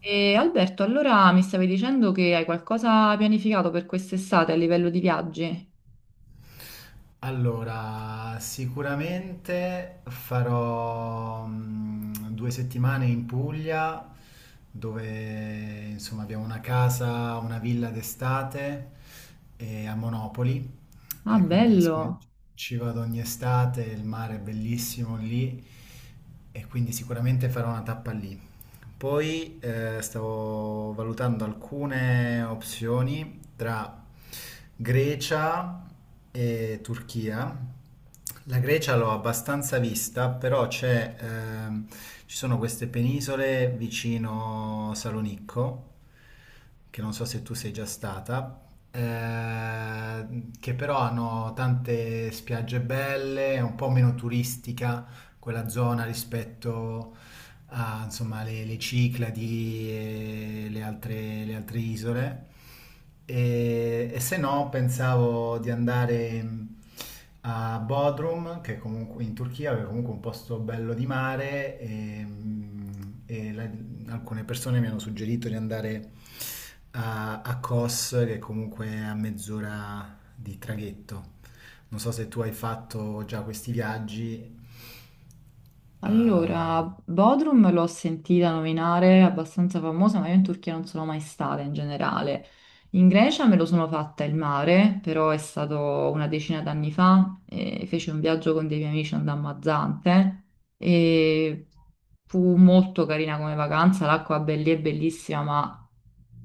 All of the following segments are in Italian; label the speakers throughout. Speaker 1: E Alberto, allora mi stavi dicendo che hai qualcosa pianificato per quest'estate a livello di viaggi?
Speaker 2: Allora, sicuramente farò 2 settimane in Puglia, dove insomma abbiamo una casa, una villa d'estate, a Monopoli,
Speaker 1: Ah,
Speaker 2: e quindi siccome
Speaker 1: bello!
Speaker 2: ci vado ogni estate, il mare è bellissimo lì, e quindi sicuramente farò una tappa lì. Poi, stavo valutando alcune opzioni tra Grecia e Turchia. La Grecia l'ho abbastanza vista, però, ci sono queste penisole vicino Salonicco, che non so se tu sei già stata, che però hanno tante spiagge belle, è un po' meno turistica quella zona rispetto a, insomma, le Cicladi e le altre isole. E, se no, pensavo di andare, a Bodrum, che è comunque in Turchia, che è comunque un posto bello di mare. Alcune persone mi hanno suggerito di andare a Kos, che è comunque a mezz'ora di traghetto. Non so se tu hai fatto già questi viaggi. eh,
Speaker 1: Allora, Bodrum l'ho sentita nominare, è abbastanza famosa, ma io in Turchia non sono mai stata in generale. In Grecia me lo sono fatta il mare, però è stato una decina d'anni fa, e feci un viaggio con dei miei amici andammo a Zante e fu molto carina come vacanza, l'acqua lì è bellissima, ma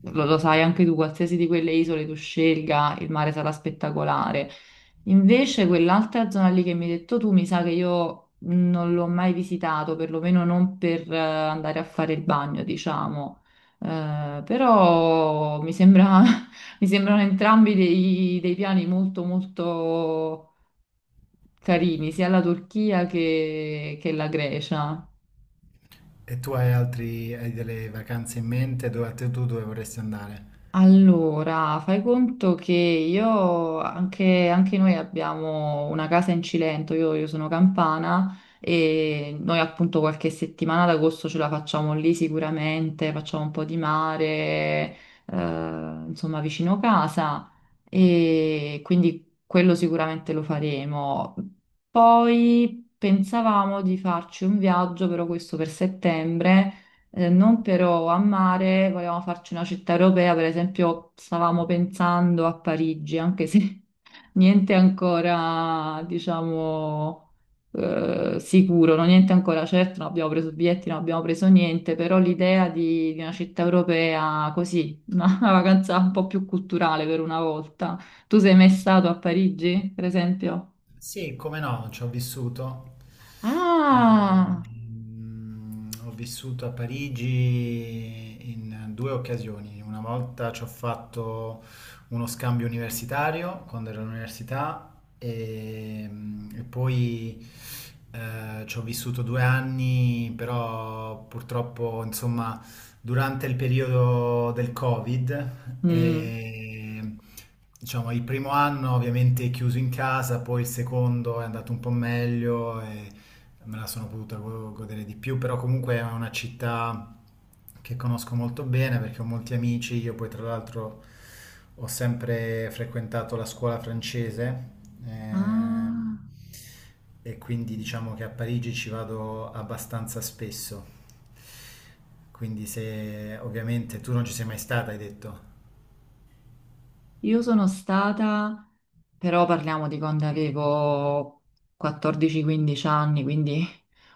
Speaker 1: lo sai anche tu, qualsiasi di quelle isole tu scelga, il mare sarà spettacolare. Invece quell'altra zona lì che mi hai detto tu, mi sa che io non l'ho mai visitato, perlomeno non per andare a fare il bagno, diciamo. Eh, però mi sembra, mi sembrano entrambi dei piani molto molto carini, sia la Turchia che la Grecia.
Speaker 2: E tu hai delle vacanze in mente? Dove, tu dove vorresti andare?
Speaker 1: Allora, fai conto che anche noi abbiamo una casa in Cilento, io sono campana e noi appunto qualche settimana ad agosto ce la facciamo lì sicuramente, facciamo un po' di mare, insomma vicino casa e quindi quello sicuramente lo faremo. Poi pensavamo di farci un viaggio, però questo per settembre non però a mare, volevamo farci una città europea, per esempio stavamo pensando a Parigi, anche se niente ancora, diciamo, sicuro, no? Niente ancora certo, non abbiamo preso biglietti, non abbiamo preso niente, però l'idea di una città europea così, una, una vacanza un po' più culturale per una volta. Tu sei mai stato a Parigi, per esempio?
Speaker 2: Sì, come no, ci ho vissuto.
Speaker 1: Ah!
Speaker 2: Ho vissuto a Parigi in due occasioni. Una volta ci ho fatto uno scambio universitario quando ero all'università e, poi, ci ho vissuto 2 anni, però purtroppo, insomma durante il periodo del Covid.
Speaker 1: Mm.
Speaker 2: E, diciamo, il primo anno ovviamente chiuso in casa, poi il secondo è andato un po' meglio. E me la sono potuta godere di più, però comunque è una città che conosco molto bene perché ho molti amici. Io poi tra l'altro ho sempre frequentato la scuola francese, ehm,
Speaker 1: Ah,
Speaker 2: e quindi diciamo che a Parigi ci vado abbastanza spesso. Quindi se ovviamente tu non ci sei mai stata, hai detto.
Speaker 1: io sono stata. Però parliamo di quando avevo 14-15 anni, quindi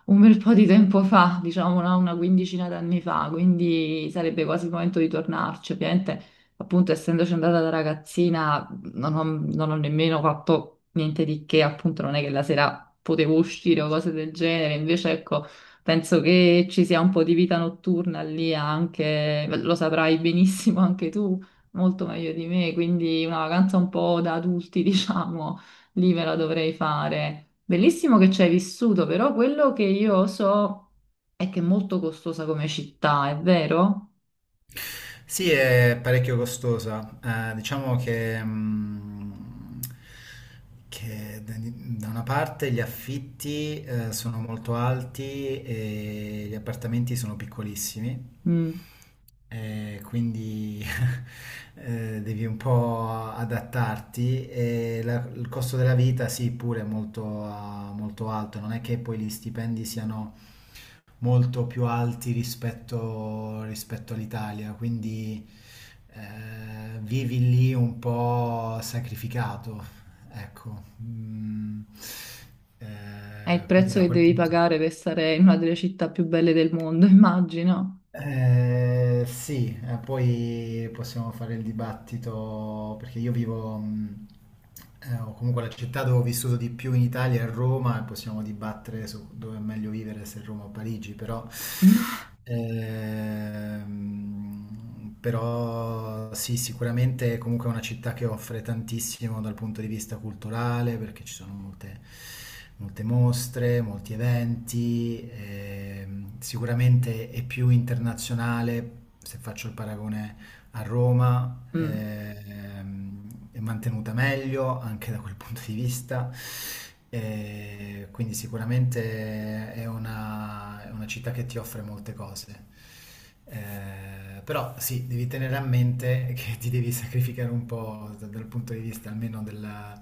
Speaker 1: un bel po' di tempo fa, diciamo no? Una quindicina d'anni fa, quindi sarebbe quasi il momento di tornarci. Ovviamente, appunto, essendoci andata da ragazzina, non ho nemmeno fatto niente di che, appunto, non è che la sera potevo uscire o cose del genere. Invece, ecco, penso che ci sia un po' di vita notturna lì anche, lo saprai benissimo anche tu, molto meglio di me, quindi una vacanza un po' da adulti, diciamo. Lì ve la dovrei fare. Bellissimo che ci hai vissuto, però quello che io so è che è molto costosa come città, è vero?
Speaker 2: Sì, è parecchio costosa. Diciamo che, che da una parte gli affitti, sono molto alti e gli appartamenti sono piccolissimi,
Speaker 1: Mm.
Speaker 2: quindi devi un po' adattarti. E il costo della vita, sì, pure è molto alto. Non è che poi gli stipendi siano molto più alti rispetto all'Italia, quindi, vivi lì un po' sacrificato, ecco.
Speaker 1: È il
Speaker 2: Quindi
Speaker 1: prezzo
Speaker 2: da
Speaker 1: che
Speaker 2: quel
Speaker 1: devi
Speaker 2: punto.
Speaker 1: pagare per stare in una delle città più belle del mondo, immagino.
Speaker 2: Sì, poi possiamo fare il dibattito perché o comunque la città dove ho vissuto di più in Italia è Roma, e possiamo dibattere su dove è meglio vivere, se Roma o Parigi. Però sì, sicuramente comunque è una città che offre tantissimo dal punto di vista culturale, perché ci sono molte, molte mostre, molti eventi. Sicuramente è più internazionale, se faccio il paragone a Roma.
Speaker 1: Mm.
Speaker 2: È mantenuta meglio anche da quel punto di vista, e quindi sicuramente è una città che ti offre molte cose. Però sì, devi tenere a mente che ti devi sacrificare un po' dal punto di vista almeno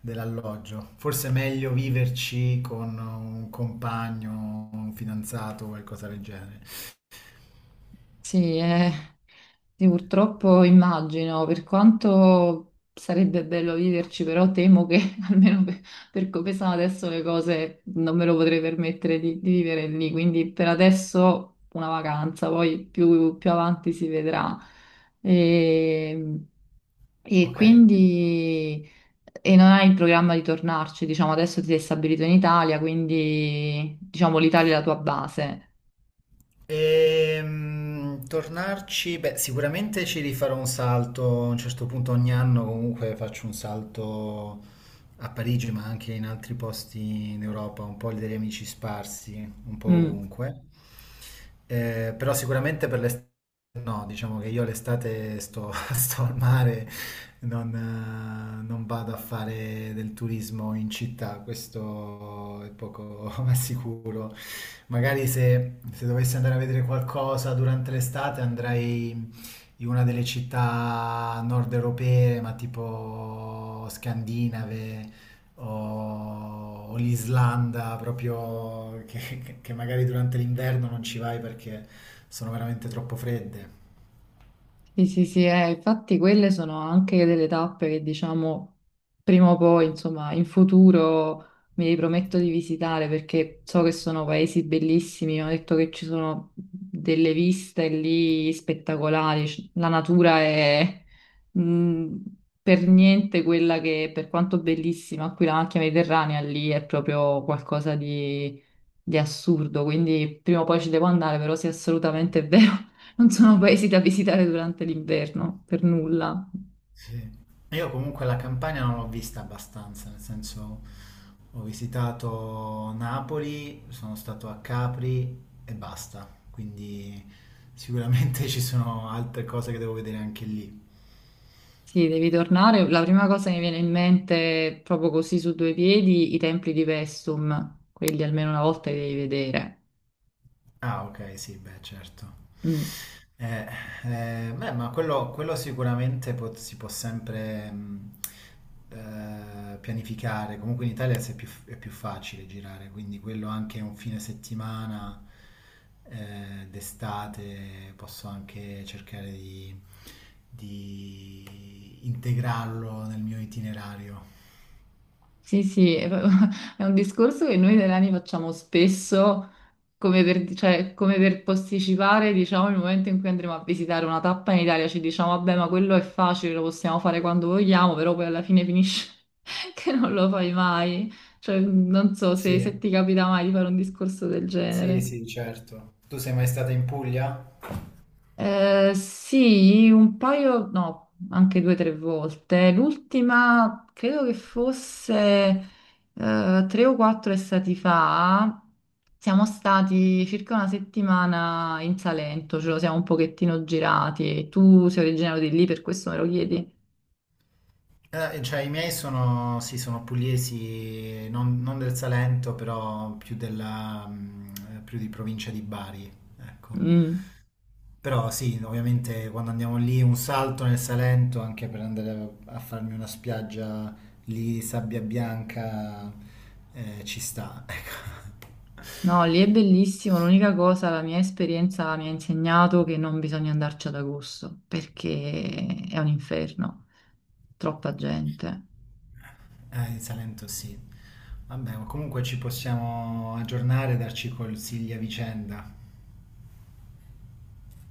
Speaker 2: dell'alloggio. Forse è meglio viverci con un compagno, un fidanzato o qualcosa del genere.
Speaker 1: Sì, è. Sì, purtroppo immagino, per quanto sarebbe bello viverci, però temo che almeno per come sono adesso le cose non me lo potrei permettere di vivere lì, quindi per adesso una vacanza, poi più avanti si vedrà. E, e
Speaker 2: Ok.
Speaker 1: quindi e non hai il programma di tornarci, diciamo adesso ti sei stabilito in Italia, quindi diciamo l'Italia è la tua base.
Speaker 2: Tornarci, beh, sicuramente ci rifarò un salto a un certo punto. Ogni anno comunque faccio un salto a Parigi, ma anche in altri posti in Europa, un po' degli amici sparsi, un po'
Speaker 1: Mm.
Speaker 2: ovunque. Però sicuramente per l'estate no, diciamo che io l'estate sto, sto al mare, non vado a fare del turismo in città, questo è poco ma sicuro. Magari se, dovessi andare a vedere qualcosa durante l'estate, andrei in una delle città nord europee, ma tipo scandinave, o, l'Islanda proprio, che, magari durante l'inverno non ci vai perché sono veramente troppo fredde.
Speaker 1: Sì, sì, sì, infatti quelle sono anche delle tappe che diciamo prima o poi, insomma, in futuro mi riprometto di visitare perché so che sono paesi bellissimi, ho detto che ci sono delle viste lì spettacolari, la natura è mh, per niente quella che, per quanto bellissima, qui la macchia mediterranea lì è proprio qualcosa di assurdo, quindi prima o poi ci devo andare, però sì, assolutamente è vero, non sono paesi da visitare durante l'inverno, per nulla.
Speaker 2: Sì. Io comunque la Campania non l'ho vista abbastanza, nel senso ho visitato Napoli, sono stato a Capri e basta, quindi sicuramente ci sono altre cose che devo vedere anche lì.
Speaker 1: Sì, devi tornare. La prima cosa che mi viene in mente, proprio così su due piedi, i templi di Vestum, quelli almeno una volta li devi vedere.
Speaker 2: Ah, ok, sì, beh, certo.
Speaker 1: Mm.
Speaker 2: Eh, Beh, ma quello, sicuramente si può sempre, pianificare. Comunque in Italia si è più facile girare, quindi quello anche un fine settimana, d'estate, posso anche cercare di, integrarlo nel mio itinerario.
Speaker 1: Sì, sì, è un discorso che noi italiani facciamo spesso come per, cioè, come per posticipare, diciamo, il momento in cui andremo a visitare una tappa in Italia, ci diciamo, vabbè, ma quello è facile, lo possiamo fare quando vogliamo, però poi alla fine finisce che non lo fai mai. Cioè, non so se, se
Speaker 2: Sì,
Speaker 1: ti capita mai di fare un discorso del
Speaker 2: sì,
Speaker 1: genere.
Speaker 2: sì, certo. Tu sei mai stata in Puglia?
Speaker 1: Sì, un paio, no, anche due o tre volte. L'ultima credo che fosse tre o quattro estati fa. Siamo stati circa una settimana in Salento, ce lo siamo un pochettino girati. Tu sei originario di lì, per questo me lo chiedi?
Speaker 2: Cioè, i miei sono, sì, sono pugliesi, non del Salento, però più di provincia di Bari, ecco.
Speaker 1: Mm.
Speaker 2: Però sì, ovviamente quando andiamo lì un salto nel Salento, anche per andare a farmi una spiaggia lì, sabbia bianca, ci sta, ecco.
Speaker 1: No, lì è bellissimo. L'unica cosa, la mia esperienza mi ha insegnato che non bisogna andarci ad agosto perché è un inferno, troppa gente.
Speaker 2: Il Salento sì. Vabbè, ma comunque ci possiamo aggiornare e darci consigli a vicenda.